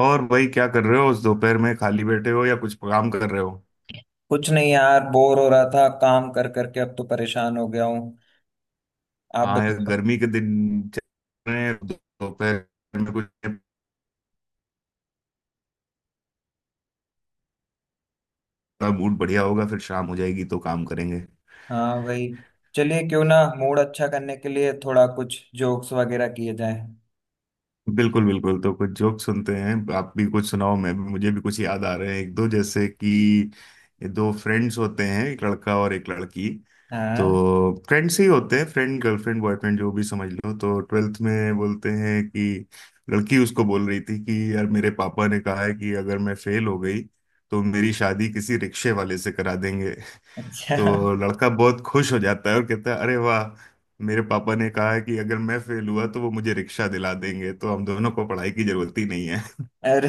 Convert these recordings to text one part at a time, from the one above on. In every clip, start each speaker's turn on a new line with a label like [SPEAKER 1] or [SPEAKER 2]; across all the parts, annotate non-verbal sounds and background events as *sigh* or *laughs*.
[SPEAKER 1] और भाई क्या कर रहे हो? उस दोपहर में खाली बैठे हो या कुछ काम कर रहे हो?
[SPEAKER 2] कुछ नहीं यार, बोर हो रहा था। काम कर करके अब तो परेशान हो गया हूँ। आप
[SPEAKER 1] हाँ यार,
[SPEAKER 2] बताओ।
[SPEAKER 1] गर्मी के दिन चल रहे हैं, दोपहर में कुछ का मूड बढ़िया होगा, फिर शाम हो जाएगी तो काम करेंगे।
[SPEAKER 2] हाँ, वही। चलिए, क्यों ना मूड अच्छा करने के लिए थोड़ा कुछ जोक्स वगैरह किए जाए।
[SPEAKER 1] बिल्कुल बिल्कुल, तो कुछ जोक सुनते हैं। आप भी कुछ सुनाओ, मैं भी, मुझे भी कुछ याद आ रहे हैं एक दो। जैसे कि ये दो फ्रेंड्स होते हैं, एक लड़का और एक लड़की।
[SPEAKER 2] हाँ।
[SPEAKER 1] तो फ्रेंड्स ही होते हैं, फ्रेंड, गर्लफ्रेंड, बॉयफ्रेंड जो भी समझ लो। तो ट्वेल्थ में बोलते हैं कि लड़की उसको बोल रही थी कि यार मेरे पापा ने कहा है कि अगर मैं फेल हो गई तो मेरी शादी किसी रिक्शे वाले से करा देंगे।
[SPEAKER 2] अच्छा।
[SPEAKER 1] *laughs*
[SPEAKER 2] *laughs*
[SPEAKER 1] तो लड़का बहुत खुश हो जाता है और कहता है अरे वाह, मेरे पापा ने कहा है कि अगर मैं फेल हुआ तो वो मुझे रिक्शा दिला देंगे, तो हम दोनों को पढ़ाई की जरूरत ही नहीं है।
[SPEAKER 2] अरे।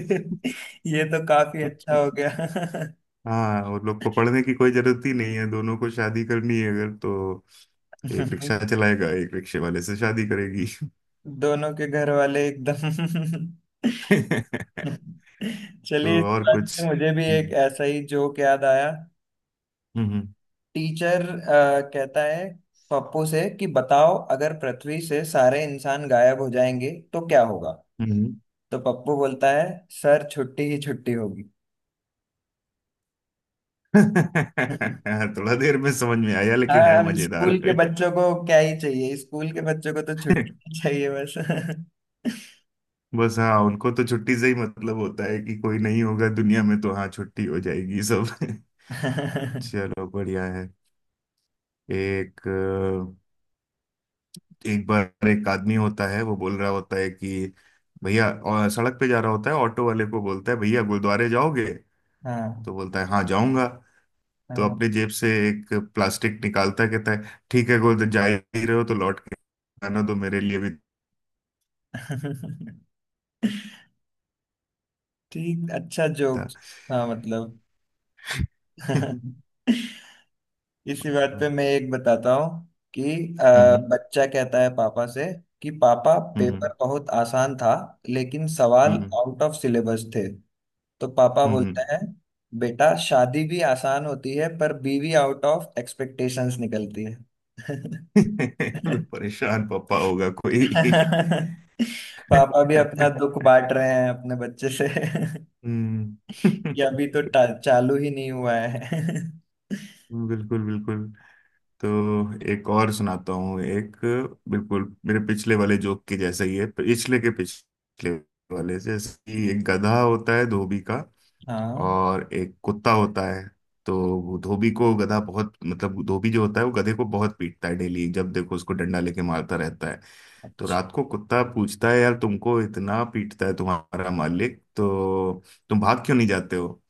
[SPEAKER 2] *laughs* ये तो काफी अच्छा हो
[SPEAKER 1] *laughs*
[SPEAKER 2] गया।
[SPEAKER 1] हाँ, उन लोग को पढ़ने की कोई जरूरत ही नहीं है, दोनों को शादी करनी है अगर, तो एक
[SPEAKER 2] *laughs*
[SPEAKER 1] रिक्शा चलाएगा, एक रिक्शे वाले से शादी करेगी।
[SPEAKER 2] दोनों के घर वाले एकदम।
[SPEAKER 1] *laughs*
[SPEAKER 2] *laughs*
[SPEAKER 1] तो
[SPEAKER 2] चलिए, इस
[SPEAKER 1] और
[SPEAKER 2] बात
[SPEAKER 1] कुछ।
[SPEAKER 2] से मुझे भी एक
[SPEAKER 1] हम्म,
[SPEAKER 2] ऐसा ही जोक याद आया।
[SPEAKER 1] हम्म,
[SPEAKER 2] टीचर कहता है पप्पू से कि बताओ, अगर पृथ्वी से सारे इंसान गायब हो जाएंगे तो क्या होगा।
[SPEAKER 1] हम्म।
[SPEAKER 2] तो पप्पू बोलता है, सर छुट्टी ही छुट्टी होगी।
[SPEAKER 1] *laughs*
[SPEAKER 2] *laughs*
[SPEAKER 1] थोड़ा देर में समझ में आया लेकिन
[SPEAKER 2] हाँ,
[SPEAKER 1] है
[SPEAKER 2] हम स्कूल
[SPEAKER 1] मजेदार।
[SPEAKER 2] के
[SPEAKER 1] *laughs*
[SPEAKER 2] बच्चों को क्या ही चाहिए। स्कूल के बच्चों को तो छुट्टी ही चाहिए बस।
[SPEAKER 1] बस, हाँ उनको तो छुट्टी से ही मतलब होता है कि कोई नहीं होगा दुनिया में तो हाँ छुट्टी हो जाएगी सब। *laughs*
[SPEAKER 2] *laughs* हाँ,
[SPEAKER 1] चलो बढ़िया है। एक अ, एक बार एक आदमी होता है, वो बोल रहा होता है कि भैया, और सड़क पे जा रहा होता है, ऑटो वाले को बोलता है भैया गुरुद्वारे जाओगे? तो बोलता है हाँ जाऊंगा। तो
[SPEAKER 2] हाँ।
[SPEAKER 1] अपने जेब से एक प्लास्टिक निकालता है, कहता है ठीक है गुरुद्वारे जा ही रहे हो तो लौट के आना, तो मेरे लिए भी।
[SPEAKER 2] *laughs* ठीक, अच्छा
[SPEAKER 1] था।
[SPEAKER 2] जोक्स। हाँ, मतलब।
[SPEAKER 1] *laughs*
[SPEAKER 2] *laughs* इसी बात
[SPEAKER 1] हम्म,
[SPEAKER 2] पे मैं एक बताता हूँ कि अ,
[SPEAKER 1] हम्म,
[SPEAKER 2] बच्चा कहता है पापा से कि पापा, पेपर बहुत आसान था, लेकिन सवाल
[SPEAKER 1] हम्म, हम्म,
[SPEAKER 2] आउट ऑफ सिलेबस थे। तो पापा
[SPEAKER 1] हम्म।
[SPEAKER 2] बोलता है, बेटा शादी भी आसान होती है पर बीवी आउट ऑफ एक्सपेक्टेशंस निकलती है। *laughs*
[SPEAKER 1] *laughs* परेशान पापा होगा कोई।
[SPEAKER 2] पापा भी अपना
[SPEAKER 1] *laughs* हम्म।
[SPEAKER 2] दुख बांट रहे हैं अपने बच्चे से। *laughs* कि अभी
[SPEAKER 1] *laughs*
[SPEAKER 2] तो चालू ही नहीं हुआ है। *laughs*
[SPEAKER 1] बिल्कुल बिल्कुल, तो एक और सुनाता हूँ। एक बिल्कुल मेरे पिछले वाले जोक के जैसा ही है, पिछले के पिछले वाले से। जैसे कि एक गधा होता है धोबी का
[SPEAKER 2] हाँ।
[SPEAKER 1] और एक कुत्ता होता है। तो वो धोबी को गधा बहुत, मतलब धोबी जो होता है वो गधे को बहुत पीटता है डेली, जब देखो उसको डंडा लेके मारता रहता है। तो
[SPEAKER 2] अच्छा।
[SPEAKER 1] रात को कुत्ता पूछता है यार तुमको इतना पीटता है तुम्हारा मालिक तो तुम भाग क्यों नहीं जाते हो?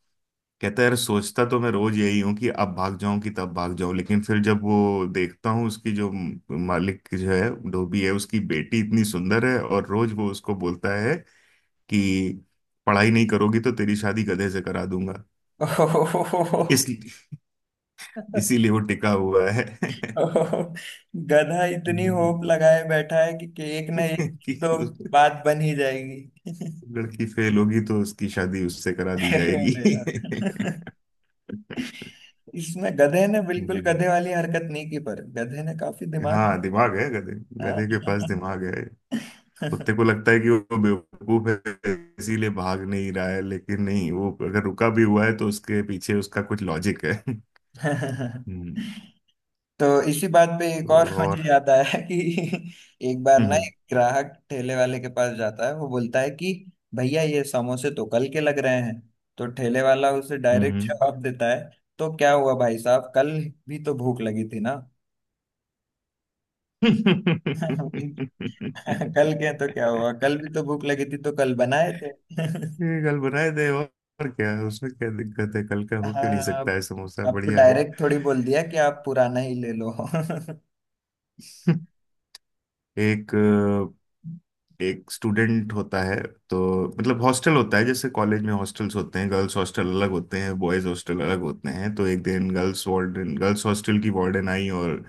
[SPEAKER 1] कहता है यार सोचता तो मैं रोज यही हूँ कि अब भाग जाऊं कि तब भाग जाऊं, लेकिन फिर जब वो देखता हूँ उसकी जो मालिक जो है धोबी है, उसकी बेटी इतनी सुंदर है और रोज वो उसको बोलता है कि पढ़ाई नहीं करोगी तो तेरी शादी गधे से करा दूंगा। इस
[SPEAKER 2] *laughs*
[SPEAKER 1] इसीलिए वो टिका हुआ है।
[SPEAKER 2] *laughs*
[SPEAKER 1] *laughs*
[SPEAKER 2] ओहो, गधा इतनी होप लगाए बैठा है कि एक ना एक दिन
[SPEAKER 1] कि
[SPEAKER 2] तो
[SPEAKER 1] उस-
[SPEAKER 2] बात बन ही जाएगी।
[SPEAKER 1] लड़की फेल होगी तो उसकी शादी उससे करा
[SPEAKER 2] *laughs*
[SPEAKER 1] दी
[SPEAKER 2] अरे
[SPEAKER 1] जाएगी।
[SPEAKER 2] यार,
[SPEAKER 1] *laughs*
[SPEAKER 2] इसमें गधे ने बिल्कुल
[SPEAKER 1] हम्म,
[SPEAKER 2] गधे वाली हरकत नहीं की, पर गधे ने काफी दिमाग।
[SPEAKER 1] हाँ दिमाग है गधे।
[SPEAKER 2] हाँ।
[SPEAKER 1] गधे के पास दिमाग है। कुत्ते को लगता है कि वो बेवकूफ है इसीलिए भाग नहीं रहा है, लेकिन नहीं, वो अगर रुका भी हुआ है तो उसके पीछे उसका कुछ लॉजिक है। हम्म।
[SPEAKER 2] *laughs* तो इसी बात पे एक और
[SPEAKER 1] तो
[SPEAKER 2] *laughs*
[SPEAKER 1] और।
[SPEAKER 2] मुझे याद आया कि एक बार ना,
[SPEAKER 1] हम्म,
[SPEAKER 2] एक ग्राहक ठेले वाले के पास जाता है। वो बोलता है कि भैया, ये समोसे तो कल के लग रहे हैं। तो ठेले वाला उसे डायरेक्ट
[SPEAKER 1] हम्म।
[SPEAKER 2] जवाब देता है, तो क्या हुआ भाई साहब, कल भी तो भूख लगी थी ना। *laughs*
[SPEAKER 1] *laughs*
[SPEAKER 2] कल के तो क्या हुआ, कल भी तो भूख लगी थी, तो कल बनाए तो। *laughs*
[SPEAKER 1] ये कल बनाए दे। और क्या है, उसमें क्या दिक्कत है, कल का हो क्यों नहीं
[SPEAKER 2] हाँ।
[SPEAKER 1] सकता
[SPEAKER 2] आप,
[SPEAKER 1] है, समोसा
[SPEAKER 2] आपको
[SPEAKER 1] बढ़िया है।
[SPEAKER 2] डायरेक्ट थोड़ी बोल दिया कि आप पुराना ही ले लो। *laughs*
[SPEAKER 1] *laughs* एक एक स्टूडेंट होता है। तो मतलब हॉस्टल होता है, जैसे कॉलेज में हॉस्टल्स होते हैं, गर्ल्स हॉस्टल अलग होते हैं, बॉयज हॉस्टल अलग होते हैं। तो एक दिन गर्ल्स वार्डन, गर्ल्स हॉस्टल की वार्डन आई और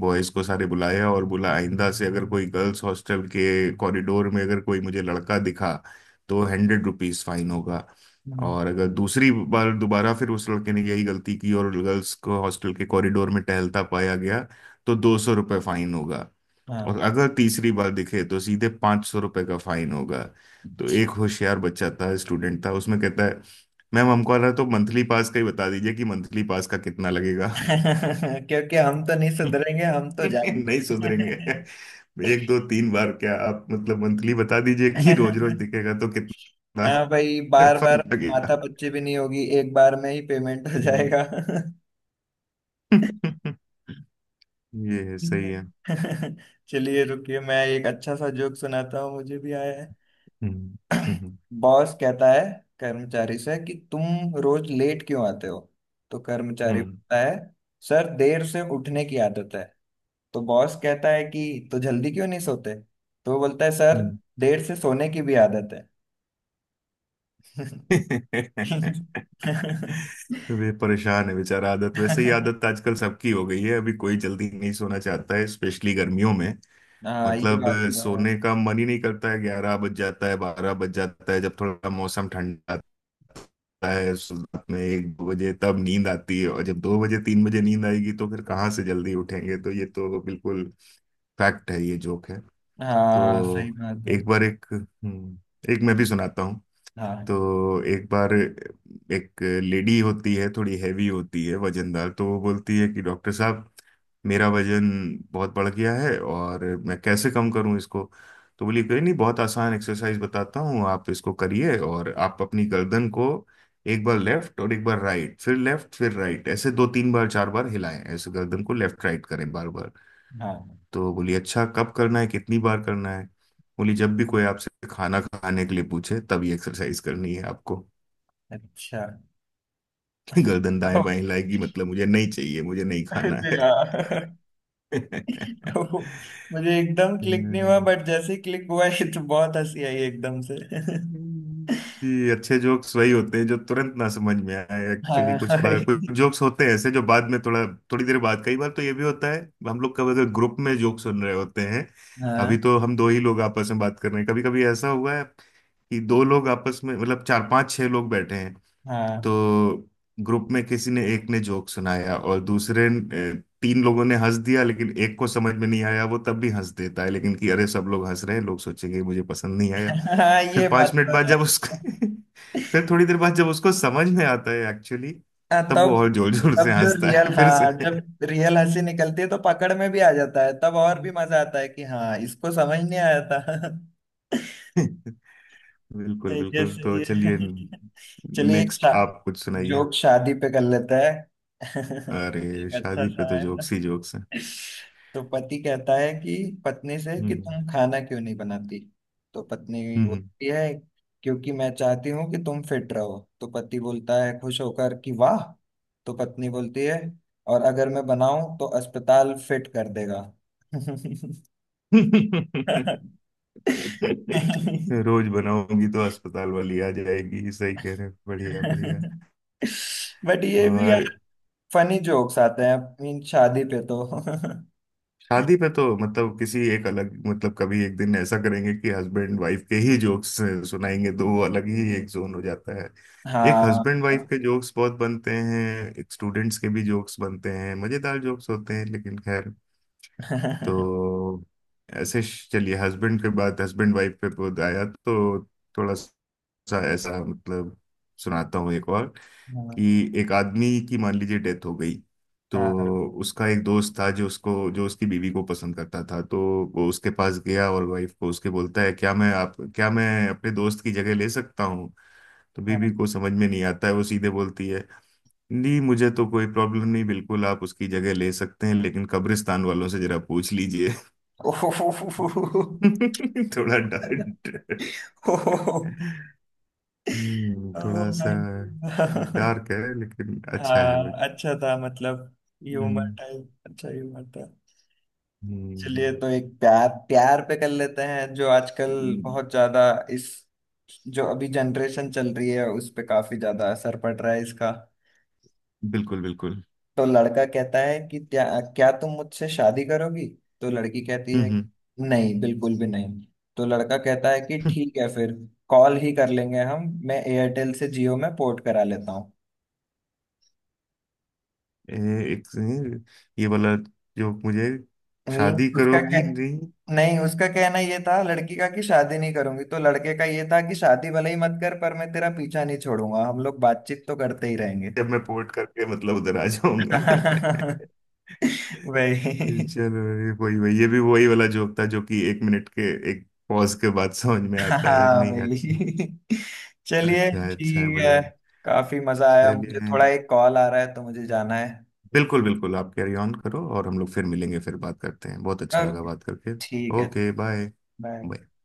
[SPEAKER 1] बॉयज को सारे बुलाया और बोला आइंदा से अगर कोई गर्ल्स हॉस्टल के कॉरिडोर में अगर कोई मुझे लड़का दिखा तो 100 रुपीज फाइन होगा।
[SPEAKER 2] हम्म,
[SPEAKER 1] और अगर दूसरी बार दोबारा फिर उस लड़के ने यही गलती की और गर्ल्स को हॉस्टल के कॉरिडोर में टहलता पाया गया तो 200 रुपये फाइन होगा। और
[SPEAKER 2] हाँ।
[SPEAKER 1] अगर तीसरी बार दिखे तो सीधे 500 रुपए का फाइन होगा। तो एक होशियार बच्चा था, स्टूडेंट था उसमें, कहता है मैम हमको आ रहा है, तो मंथली पास का ही बता दीजिए कि मंथली पास का कितना लगेगा।
[SPEAKER 2] *laughs* क्योंकि हम तो नहीं
[SPEAKER 1] *laughs*
[SPEAKER 2] सुधरेंगे, हम तो
[SPEAKER 1] नहीं
[SPEAKER 2] जाएंगे।
[SPEAKER 1] सुधरेंगे। एक दो तीन बार क्या, आप मतलब मंथली बता दीजिए कि रोज रोज
[SPEAKER 2] *laughs*
[SPEAKER 1] दिखेगा तो कितना
[SPEAKER 2] हाँ भाई, बार
[SPEAKER 1] fine
[SPEAKER 2] बार माथा
[SPEAKER 1] लगेगा।
[SPEAKER 2] पच्ची भी नहीं होगी, एक बार में ही पेमेंट हो
[SPEAKER 1] हम्म।
[SPEAKER 2] जाएगा।
[SPEAKER 1] *laughs* ये है, सही है।
[SPEAKER 2] *laughs* चलिए, रुकिए, मैं एक अच्छा सा जोक सुनाता हूँ, मुझे भी आया है।
[SPEAKER 1] हम्म, हम्म,
[SPEAKER 2] बॉस कहता है कर्मचारी से कि तुम रोज लेट क्यों आते हो। तो कर्मचारी
[SPEAKER 1] हम्म,
[SPEAKER 2] बोलता है, सर देर से उठने की आदत है। तो बॉस कहता है कि तो जल्दी क्यों नहीं सोते। तो वो बोलता है, सर
[SPEAKER 1] हम्म।
[SPEAKER 2] देर से सोने की भी आदत है।
[SPEAKER 1] *laughs*
[SPEAKER 2] *laughs* *laughs*
[SPEAKER 1] वे परेशान है बेचारा, आदत। वैसे ही
[SPEAKER 2] हाँ,
[SPEAKER 1] आदत आजकल सबकी हो गई है, अभी कोई जल्दी नहीं सोना चाहता है, स्पेशली गर्मियों में।
[SPEAKER 2] ये
[SPEAKER 1] मतलब
[SPEAKER 2] बात तो है।
[SPEAKER 1] सोने का मन ही नहीं करता है। 11 बज जाता है, 12 बज जाता है, जब थोड़ा मौसम ठंडा आता है रात में एक दो बजे तब नींद आती है। और जब दो बजे तीन बजे नींद आएगी तो फिर कहाँ से जल्दी उठेंगे? तो ये तो बिल्कुल फैक्ट है, ये जोक है।
[SPEAKER 2] हाँ, सही
[SPEAKER 1] तो
[SPEAKER 2] बात है।
[SPEAKER 1] एक बार एक एक मैं भी सुनाता।
[SPEAKER 2] हाँ,
[SPEAKER 1] तो एक बार एक लेडी होती है, थोड़ी हैवी होती है, वजनदार। तो वो बोलती है कि डॉक्टर साहब मेरा वजन बहुत बढ़ गया है, और मैं कैसे कम करूं इसको? तो बोली कोई नहीं, बहुत आसान एक्सरसाइज बताता हूँ, आप इसको करिए। और आप अपनी गर्दन को एक बार लेफ्ट और एक बार राइट, फिर लेफ्ट फिर राइट, ऐसे दो तीन बार चार बार हिलाएं, ऐसे गर्दन को लेफ्ट राइट करें बार बार।
[SPEAKER 2] हाँ।
[SPEAKER 1] तो बोली अच्छा कब करना है, कितनी बार करना है? बोली जब भी कोई आपसे खाना खाने के लिए पूछे तब ये एक्सरसाइज करनी है आपको।
[SPEAKER 2] अच्छा।
[SPEAKER 1] *laughs* गर्दन
[SPEAKER 2] तो,
[SPEAKER 1] दाएं बाएं लाएगी मतलब मुझे नहीं चाहिए, मुझे नहीं खाना
[SPEAKER 2] अरे
[SPEAKER 1] है।
[SPEAKER 2] यार, तो
[SPEAKER 1] *laughs*
[SPEAKER 2] मुझे एकदम क्लिक नहीं हुआ,
[SPEAKER 1] हम्म,
[SPEAKER 2] बट जैसे ही क्लिक हुआ ये तो बहुत हंसी आई एकदम से।
[SPEAKER 1] जी, अच्छे जोक्स वही होते हैं जो तुरंत ना समझ में आए एक्चुअली।
[SPEAKER 2] हाँ,
[SPEAKER 1] कुछ
[SPEAKER 2] हाँ।
[SPEAKER 1] बार कुछ जोक्स होते हैं ऐसे जो बाद में थोड़ा, थोड़ी देर बाद, कई बार तो ये भी होता है, हम लोग कब अगर ग्रुप में जोक सुन रहे होते हैं,
[SPEAKER 2] हाँ,
[SPEAKER 1] अभी तो हम दो ही लोग आपस में बात कर रहे हैं, कभी कभी ऐसा हुआ है कि दो लोग आपस में मतलब चार पांच छह लोग बैठे हैं। तो ग्रुप में किसी ने, एक ने जोक सुनाया, और दूसरे तीन लोगों ने हंस दिया लेकिन एक को समझ में नहीं आया, वो तब भी हंस देता है लेकिन, कि अरे सब लोग हंस रहे हैं, लोग सोचेंगे मुझे पसंद नहीं आया।
[SPEAKER 2] हाँ,
[SPEAKER 1] फिर
[SPEAKER 2] ये
[SPEAKER 1] पांच
[SPEAKER 2] बात
[SPEAKER 1] मिनट
[SPEAKER 2] तो
[SPEAKER 1] बाद
[SPEAKER 2] है।
[SPEAKER 1] जब उसको *laughs* फिर थोड़ी देर बाद जब उसको समझ में आता है एक्चुअली,
[SPEAKER 2] हाँ,
[SPEAKER 1] तब वो
[SPEAKER 2] तब।
[SPEAKER 1] और जोर जोर
[SPEAKER 2] तब
[SPEAKER 1] से
[SPEAKER 2] जो
[SPEAKER 1] हंसता
[SPEAKER 2] रियल,
[SPEAKER 1] है फिर से।
[SPEAKER 2] हाँ,
[SPEAKER 1] *laughs*
[SPEAKER 2] जब रियल हंसी निकलती है तो पकड़ में भी आ जाता है। तब और भी मजा आता है कि हाँ, इसको समझ नहीं आया था। *laughs*
[SPEAKER 1] बिल्कुल
[SPEAKER 2] सही है,
[SPEAKER 1] बिल्कुल,
[SPEAKER 2] सही
[SPEAKER 1] तो चलिए,
[SPEAKER 2] है। *laughs* चलिए, एक
[SPEAKER 1] नेक्स्ट आप कुछ सुनाइए।
[SPEAKER 2] जोक शादी पे कर लेते हैं। *laughs*
[SPEAKER 1] अरे
[SPEAKER 2] एक अच्छा
[SPEAKER 1] शादी पे
[SPEAKER 2] सा
[SPEAKER 1] तो
[SPEAKER 2] है।
[SPEAKER 1] जोक्स ही जोक्स हैं।
[SPEAKER 2] *laughs* तो पति कहता है कि पत्नी से कि
[SPEAKER 1] हम्म,
[SPEAKER 2] तुम खाना क्यों नहीं बनाती। तो पत्नी बोलती है, क्योंकि मैं चाहती हूँ कि तुम फिट रहो। तो पति बोलता है खुश होकर कि वाह। तो पत्नी बोलती है, और अगर मैं बनाऊं तो अस्पताल फिट कर देगा।
[SPEAKER 1] हम्म।
[SPEAKER 2] *laughs*
[SPEAKER 1] *laughs* *laughs* रोज बनाऊंगी तो अस्पताल वाली आ जाएगी, सही कह रहे हैं, बढ़िया बढ़िया।
[SPEAKER 2] बट ये भी
[SPEAKER 1] और
[SPEAKER 2] यार फनी जोक्स आते हैं, मीन शादी पे तो। *laughs*
[SPEAKER 1] शादी पे तो मतलब किसी, एक अलग, मतलब कभी एक दिन ऐसा करेंगे कि हस्बैंड वाइफ के ही जोक्स सुनाएंगे, तो वो अलग ही एक जोन हो जाता है। एक
[SPEAKER 2] हाँ।
[SPEAKER 1] हस्बैंड वाइफ के जोक्स बहुत बनते हैं, एक स्टूडेंट्स के भी जोक्स बनते हैं, मजेदार जोक्स होते हैं लेकिन खैर।
[SPEAKER 2] *laughs* हाँ,
[SPEAKER 1] तो ऐसे चलिए, हस्बैंड के बाद, हस्बैंड वाइफ पे बहुत आया, तो थोड़ा सा ऐसा मतलब सुनाता हूँ एक और, कि एक आदमी की मान लीजिए डेथ हो गई। तो
[SPEAKER 2] हाँ,
[SPEAKER 1] उसका एक दोस्त था जो उसको, जो उसकी बीवी को पसंद करता था, तो वो उसके पास गया और वाइफ को उसके बोलता है क्या मैं, आप, क्या मैं अपने दोस्त की जगह ले सकता हूँ? तो
[SPEAKER 2] हाँ।
[SPEAKER 1] बीवी को समझ में नहीं आता है, वो सीधे बोलती है नहीं मुझे तो कोई प्रॉब्लम नहीं, बिल्कुल आप उसकी जगह ले सकते हैं, लेकिन कब्रिस्तान वालों से जरा पूछ लीजिए।
[SPEAKER 2] *laughs* ओहो
[SPEAKER 1] *laughs* थोड़ा डर। थोड़ा सा
[SPEAKER 2] माय। हाँ,
[SPEAKER 1] डार्क है लेकिन अच्छा है बट।
[SPEAKER 2] अच्छा था। मतलब ह्यूमर
[SPEAKER 1] हम्म,
[SPEAKER 2] टाइप, अच्छा ह्यूमर था। चलिए,
[SPEAKER 1] हम्म,
[SPEAKER 2] तो एक प्यार, प्यार पे कर लेते हैं जो आजकल
[SPEAKER 1] हम्म,
[SPEAKER 2] बहुत ज्यादा, इस जो अभी जनरेशन चल रही है उस पे काफी ज्यादा असर पड़ रहा है इसका।
[SPEAKER 1] बिल्कुल बिल्कुल।
[SPEAKER 2] तो लड़का कहता है कि क्या क्या तुम मुझसे शादी करोगी। तो लड़की कहती है,
[SPEAKER 1] हम्म,
[SPEAKER 2] नहीं, बिल्कुल भी नहीं। तो लड़का कहता है कि
[SPEAKER 1] हम्म।
[SPEAKER 2] ठीक है फिर, कॉल ही कर लेंगे हम, मैं एयरटेल से जियो में पोर्ट करा लेता हूँ।
[SPEAKER 1] *laughs* ए- एक ये वाला जो मुझे,
[SPEAKER 2] मीन
[SPEAKER 1] शादी
[SPEAKER 2] उसका
[SPEAKER 1] करोगी
[SPEAKER 2] कह,
[SPEAKER 1] नहीं?
[SPEAKER 2] नहीं, उसका कहना ये था लड़की का कि शादी नहीं करूंगी। तो लड़के का ये था कि शादी भले ही मत कर पर मैं तेरा पीछा नहीं छोड़ूंगा, हम लोग बातचीत तो करते ही रहेंगे।
[SPEAKER 1] जब मैं पोर्ट करके मतलब उधर आ जाऊंगा। *laughs*
[SPEAKER 2] *laughs* वही।
[SPEAKER 1] चलो, ये वही वही, ये भी वही वाला जोक था जो कि एक मिनट के, एक पॉज के बाद समझ में आता है।
[SPEAKER 2] हाँ
[SPEAKER 1] नहीं,
[SPEAKER 2] भाई।
[SPEAKER 1] अच्छा,
[SPEAKER 2] *laughs* चलिए,
[SPEAKER 1] अच्छा अच्छा,
[SPEAKER 2] ठीक है।
[SPEAKER 1] बढ़िया,
[SPEAKER 2] काफी मजा आया।
[SPEAKER 1] चलिए।
[SPEAKER 2] मुझे थोड़ा एक कॉल आ रहा है तो मुझे जाना है।
[SPEAKER 1] बिल्कुल बिल्कुल, आप कैरी ऑन करो और हम लोग फिर मिलेंगे, फिर बात करते हैं, बहुत अच्छा लगा
[SPEAKER 2] ओके।
[SPEAKER 1] बात करके।
[SPEAKER 2] ठीक है।
[SPEAKER 1] Okay, bye.
[SPEAKER 2] बाय।
[SPEAKER 1] बाय।